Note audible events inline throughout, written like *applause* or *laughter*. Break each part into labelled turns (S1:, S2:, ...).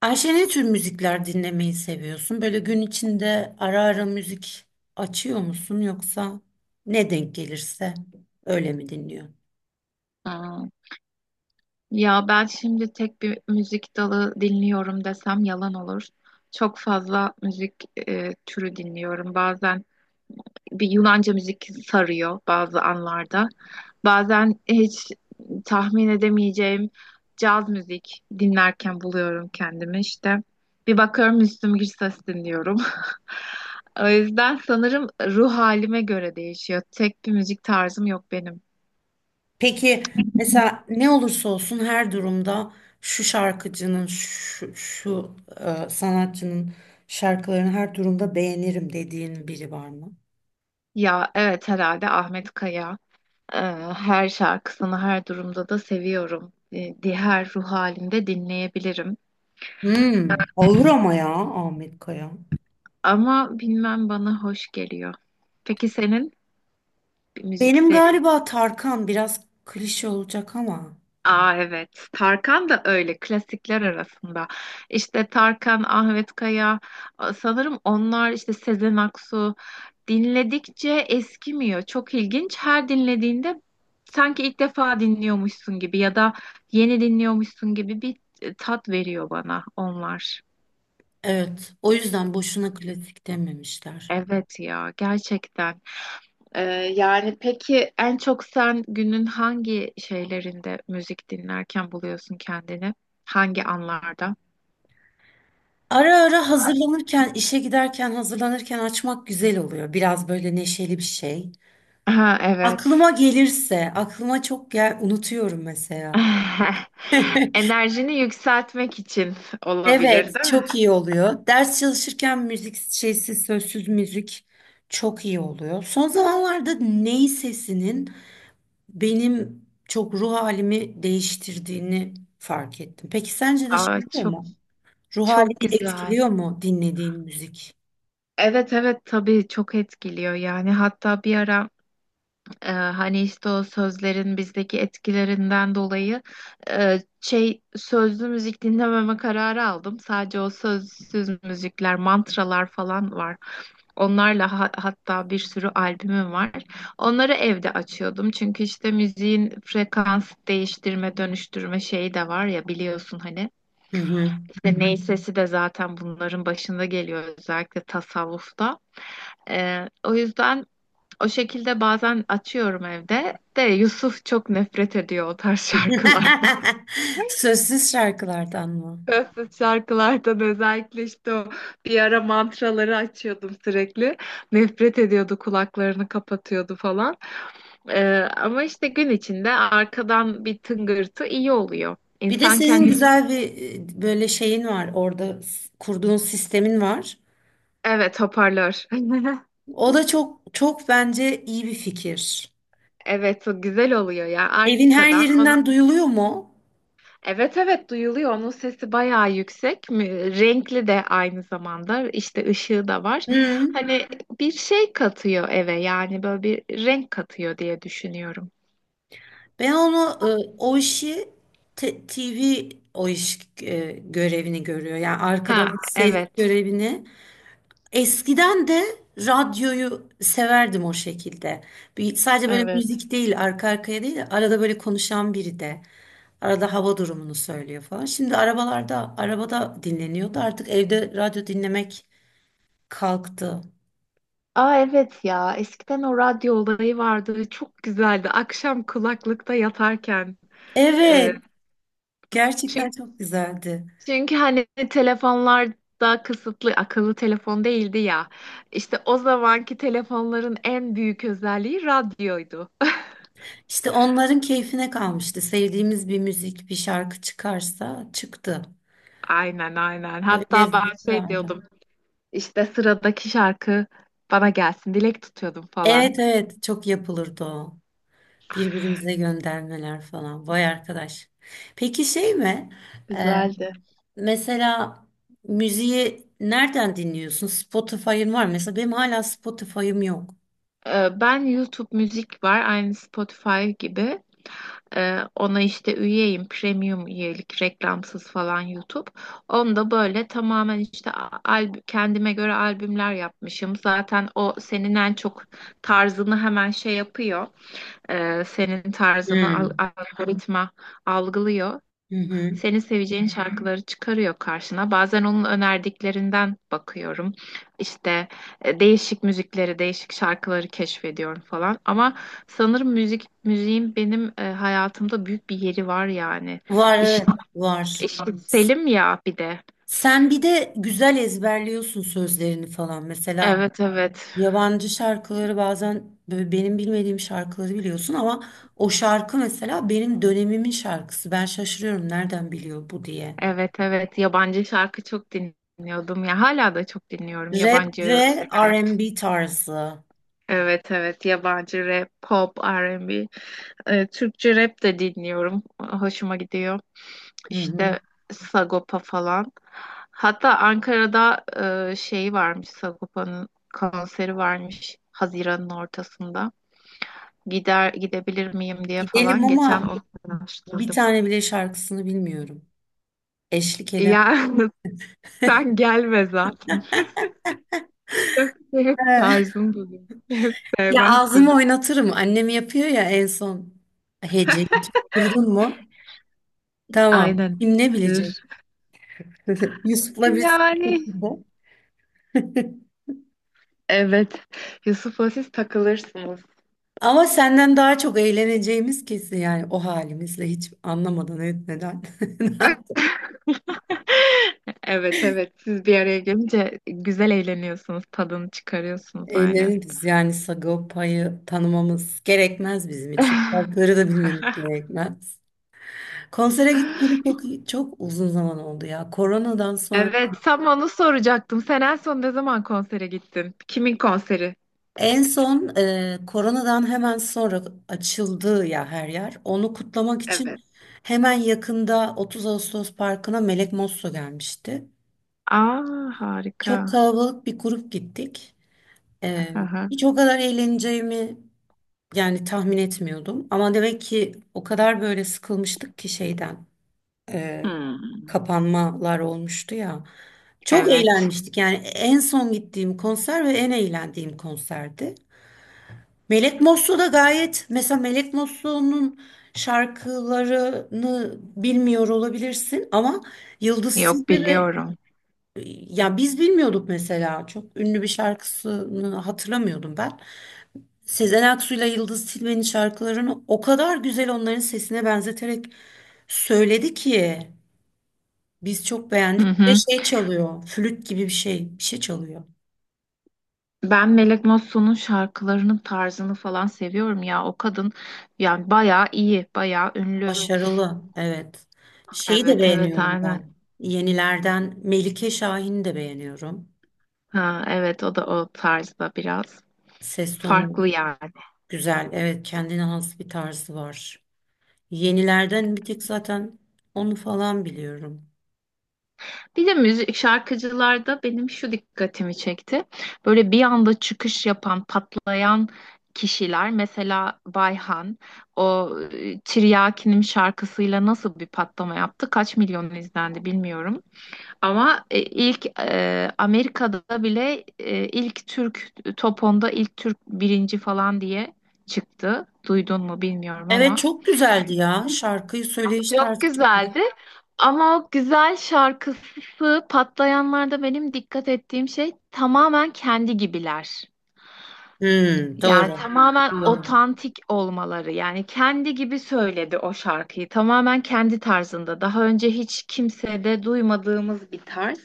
S1: Ayşe ne tür müzikler dinlemeyi seviyorsun? Böyle gün içinde ara ara müzik açıyor musun yoksa ne denk gelirse öyle mi dinliyorsun?
S2: Aa, ya ben şimdi tek bir müzik dalı dinliyorum desem yalan olur. Çok fazla müzik türü dinliyorum. Bazen bir Yunanca müzik sarıyor bazı anlarda. Bazen hiç tahmin edemeyeceğim caz müzik dinlerken buluyorum kendimi işte. Bir bakıyorum Müslüm Gürses dinliyorum. *laughs* O yüzden sanırım ruh halime göre değişiyor. Tek bir müzik tarzım yok benim.
S1: Peki mesela ne olursa olsun her durumda şu şarkıcının şu sanatçının şarkılarını her durumda beğenirim dediğin biri var mı?
S2: Ya evet, herhalde Ahmet Kaya. Ee, Her şarkısını her durumda da seviyorum. Diğer ruh halinde dinleyebilirim.
S1: Hmm, olur ama ya Ahmet Kaya.
S2: Ama bilmem, bana hoş geliyor. Peki senin bir müzik.
S1: Benim galiba Tarkan biraz klişe olacak ama
S2: Aa, evet. Tarkan da öyle klasikler arasında. İşte Tarkan, Ahmet Kaya, sanırım onlar işte Sezen Aksu dinledikçe eskimiyor. Çok ilginç. Her dinlediğinde sanki ilk defa dinliyormuşsun gibi ya da yeni dinliyormuşsun gibi bir tat veriyor bana onlar.
S1: evet o yüzden boşuna klasik dememişler.
S2: Evet ya, gerçekten. Ee, Yani peki en çok sen günün hangi şeylerinde müzik dinlerken buluyorsun kendini? Hangi anlarda?
S1: Ara ara hazırlanırken, işe giderken hazırlanırken açmak güzel oluyor. Biraz böyle neşeli bir şey.
S2: Ha, evet.
S1: Aklıma gelirse, aklıma çok gel unutuyorum mesela.
S2: *laughs*
S1: *laughs*
S2: Enerjini yükseltmek için olabilir,
S1: Evet,
S2: değil mi?
S1: çok iyi oluyor. Ders çalışırken müzik şeysi, sözsüz müzik çok iyi oluyor. Son zamanlarda ney sesinin benim çok ruh halimi değiştirdiğini fark ettim. Peki sence de şey
S2: Aa,
S1: oluyor
S2: çok
S1: mu? Ruh
S2: çok
S1: halini
S2: güzel.
S1: etkiliyor mu dinlediğin müzik?
S2: Evet, evet, tabii çok etkiliyor yani, hatta bir ara hani işte o sözlerin bizdeki etkilerinden dolayı şey sözlü müzik dinlememe kararı aldım. Sadece o sözsüz müzikler, mantralar falan var. Onlarla hatta bir sürü albümüm var. Onları evde açıyordum. Çünkü işte müziğin frekans değiştirme, dönüştürme şeyi de var ya, biliyorsun hani. Hı.
S1: Hı hı.
S2: İşte ney sesi de zaten bunların başında geliyor, özellikle tasavvufta. O yüzden o şekilde bazen açıyorum evde. De Yusuf çok nefret ediyor o tarz *laughs* şarkılardan.
S1: *laughs* Sözsüz şarkılardan mı?
S2: *laughs* Sözsüz şarkılardan, özellikle işte o bir ara mantraları açıyordum sürekli. Nefret ediyordu, kulaklarını kapatıyordu falan. Ee, Ama işte gün içinde arkadan bir tıngırtı iyi oluyor.
S1: Bir de
S2: İnsan
S1: senin
S2: kendini. Hı.
S1: güzel bir böyle şeyin var orada kurduğun sistemin var.
S2: Evet, hoparlör. *laughs*
S1: O da çok çok bence iyi bir fikir.
S2: Evet, o güzel oluyor ya
S1: Evin her
S2: arkadan. Onu.
S1: yerinden duyuluyor mu?
S2: Evet, evet, duyuluyor. Onun sesi bayağı yüksek. Renkli de aynı zamanda. İşte ışığı da var.
S1: Hı.
S2: Hani bir şey katıyor eve, yani böyle bir renk katıyor diye düşünüyorum.
S1: Ben onu o işi TV o iş görevini görüyor. Yani arkada
S2: Ha,
S1: ses
S2: evet.
S1: görevini. Eskiden de radyoyu severdim o şekilde. Bir, sadece böyle
S2: Evet.
S1: müzik değil, arka arkaya değil, arada böyle konuşan biri de arada hava durumunu söylüyor falan. Şimdi arabalarda, arabada dinleniyordu. Artık evde radyo dinlemek kalktı.
S2: Aa, evet ya. Eskiden o radyo olayı vardı. Çok güzeldi. Akşam kulaklıkta yatarken. Ee,
S1: Evet, gerçekten
S2: çünkü,
S1: çok güzeldi.
S2: çünkçünkü hani telefonlar daha kısıtlı, akıllı telefon değildi ya. İşte o zamanki telefonların en büyük özelliği radyoydu.
S1: İşte onların keyfine kalmıştı. Sevdiğimiz bir müzik, bir şarkı çıkarsa çıktı.
S2: Aynen, aynen.
S1: Tabii
S2: Hatta ben
S1: lezzeti
S2: şey
S1: vardı.
S2: diyordum, işte sıradaki şarkı bana gelsin dilek tutuyordum falan.
S1: Evet evet çok yapılırdı o. Birbirimize göndermeler falan. Vay arkadaş. Peki şey mi? Ee,
S2: Güzeldi.
S1: mesela müziği nereden dinliyorsun? Spotify'ın var mı? Mesela benim hala Spotify'ım yok.
S2: Ben YouTube müzik var, aynı Spotify gibi. Ona işte üyeyim, premium üyelik, reklamsız falan YouTube. Onda böyle tamamen işte kendime göre albümler yapmışım. Zaten o senin en çok tarzını hemen şey yapıyor. Senin tarzını
S1: Hmm.
S2: algoritma algılıyor.
S1: Hı hı.
S2: Senin seveceğin şarkıları çıkarıyor karşına. Bazen onun önerdiklerinden bakıyorum. İşte değişik müzikleri, değişik şarkıları keşfediyorum falan. Ama sanırım müziğin benim hayatımda büyük bir yeri var yani.
S1: Var
S2: İş,
S1: evet var.
S2: işitselim ya bir de.
S1: Sen bir de güzel ezberliyorsun sözlerini falan. Mesela
S2: Evet, evet.
S1: yabancı şarkıları bazen böyle benim bilmediğim şarkıları biliyorsun ama o şarkı mesela benim dönemimin şarkısı. Ben şaşırıyorum nereden biliyor bu diye.
S2: Evet, evet. Yabancı şarkı çok dinliyordum ya. Hala da çok dinliyorum
S1: Rap
S2: yabancı
S1: ve
S2: rap.
S1: R&B tarzı.
S2: Evet, evet, yabancı rap, pop, R&B. Türkçe rap de dinliyorum. Hoşuma gidiyor.
S1: Hı hı.
S2: İşte Sagopa falan. Hatta Ankara'da şey varmış, Sagopa'nın konseri varmış Haziran'ın ortasında. Gider gidebilir miyim diye
S1: Gidelim
S2: falan geçen
S1: ama
S2: onu
S1: bir
S2: araştırdım.
S1: tane bile şarkısını bilmiyorum. Eşlik edemem.
S2: Ya *laughs* sen gelme zaten. *laughs* Yok, benim
S1: *laughs*
S2: tarzım bu değil. *laughs*
S1: Ya
S2: Sevmezsin.
S1: ağzımı oynatırım. Annem yapıyor ya en son. Heceyi tutturdun mu? Tamam.
S2: Aynen.
S1: Kim ne bilecek? *laughs* Yusuf'la biz de.
S2: Yani.
S1: *laughs*
S2: Evet. Yusuf'la siz takılırsınız.
S1: Ama senden daha çok eğleneceğimiz kesin yani o halimizle hiç anlamadan etmeden. *laughs*
S2: *laughs* Evet, evet. Siz bir araya gelince güzel eğleniyorsunuz. Tadını çıkarıyorsunuz aynen.
S1: Eğleniriz yani Sagopa'yı tanımamız gerekmez bizim için.
S2: *laughs*
S1: Şarkıları da bilmemiz gerekmez. Konsere gitmeli çok çok uzun zaman oldu ya. Koronadan sonra
S2: Evet, tam onu soracaktım. Sen en son ne zaman konsere gittin? Kimin konseri?
S1: en son koronadan hemen sonra açıldı ya her yer. Onu kutlamak
S2: Evet.
S1: için hemen yakında 30 Ağustos Parkı'na Melek Mosso gelmişti.
S2: Aa, harika.
S1: Çok kalabalık bir grup gittik. E,
S2: Aha.
S1: hiç o kadar eğleneceğimi yani tahmin etmiyordum. Ama demek ki o kadar böyle sıkılmıştık ki şeyden, e,
S2: Hmm.
S1: kapanmalar olmuştu ya. Çok
S2: Evet.
S1: eğlenmiştik. Yani en son gittiğim konser ve en eğlendiğim konserdi. Melek Moslu da gayet, mesela Melek Moslu'nun şarkılarını bilmiyor olabilirsin ama Yıldız
S2: Yok,
S1: Silve ve
S2: biliyorum.
S1: ya biz bilmiyorduk mesela çok ünlü bir şarkısını hatırlamıyordum ben. Sezen Aksu ile Yıldız Tilbe'nin şarkılarını o kadar güzel onların sesine benzeterek söyledi ki biz çok
S2: Hı
S1: beğendik. Bir de
S2: hı.
S1: şey çalıyor, flüt gibi bir şey, bir şey çalıyor.
S2: Ben Melek Mosso'nun şarkılarının tarzını falan seviyorum ya. O kadın yani bayağı iyi, bayağı ünlü.
S1: Başarılı, evet. Şeyi de
S2: Evet, evet,
S1: beğeniyorum
S2: aynen.
S1: ben. Yenilerden Melike Şahin'i de beğeniyorum.
S2: Ha, evet, o da o tarzda biraz
S1: Ses tonu
S2: farklı yani.
S1: güzel, evet kendine has bir tarzı var. Yenilerden bir tek zaten onu falan biliyorum.
S2: Bir de müzik şarkıcılarda benim şu dikkatimi çekti. Böyle bir anda çıkış yapan, patlayan kişiler, mesela Bayhan o Tiryakinim şarkısıyla nasıl bir patlama yaptı? Kaç milyon izlendi bilmiyorum. Ama ilk Amerika'da bile ilk Türk top 10'da ilk Türk birinci falan diye çıktı. Duydun mu bilmiyorum
S1: Evet
S2: ama.
S1: çok güzeldi ya. Şarkıyı söyleyiş
S2: Çok
S1: tarzı çok
S2: güzeldi. Ama o güzel şarkısı patlayanlarda benim dikkat ettiğim şey tamamen kendi gibiler.
S1: Hmm,
S2: Yani
S1: doğru.
S2: tamamen
S1: Doğru.
S2: otantik olmaları. Yani kendi gibi söyledi o şarkıyı. Tamamen kendi tarzında. Daha önce hiç kimsede duymadığımız bir tarz.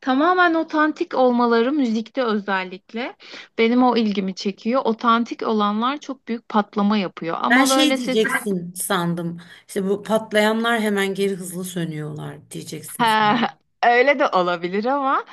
S2: Tamamen otantik olmaları müzikte özellikle benim o ilgimi çekiyor. Otantik olanlar çok büyük patlama yapıyor.
S1: Ben
S2: Ama
S1: şey
S2: böyle sesini.
S1: diyeceksin sandım. İşte bu patlayanlar hemen geri hızlı sönüyorlar
S2: Ha,
S1: diyeceksin sandım.
S2: *laughs* öyle de olabilir ama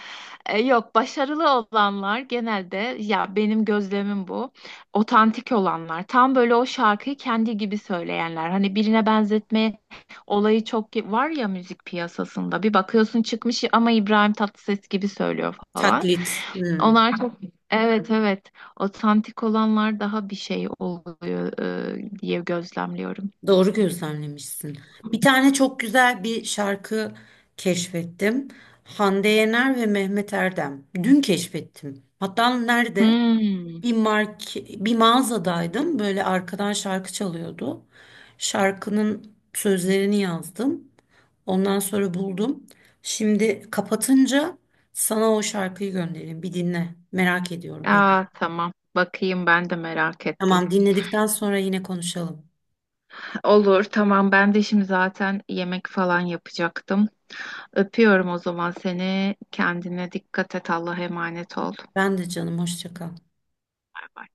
S2: yok, başarılı olanlar genelde ya, benim gözlemim bu. Otantik olanlar tam böyle o şarkıyı kendi gibi söyleyenler. Hani birine benzetme olayı çok var ya müzik piyasasında. Bir bakıyorsun çıkmış ama İbrahim Tatlıses gibi söylüyor falan.
S1: Taklit. Hmm,
S2: Onlar çok. Evet, evet, otantik olanlar daha bir şey oluyor diye gözlemliyorum.
S1: doğru gözlemlemişsin. Bir tane çok güzel bir şarkı keşfettim. Hande Yener ve Mehmet Erdem. Dün keşfettim. Hatta nerede?
S2: Hmm.
S1: Bir mark, bir mağazadaydım. Böyle arkadan şarkı çalıyordu. Şarkının sözlerini yazdım. Ondan sonra buldum. Şimdi kapatınca sana o şarkıyı göndereyim. Bir dinle. Merak ediyorum ben.
S2: Aa, tamam. Bakayım, ben de merak ettim.
S1: Tamam, dinledikten sonra yine konuşalım.
S2: Olur, tamam. Ben de şimdi zaten yemek falan yapacaktım. Öpüyorum o zaman seni. Kendine dikkat et. Allah'a emanet ol. Bay
S1: Ben de canım hoşça kal.
S2: bay.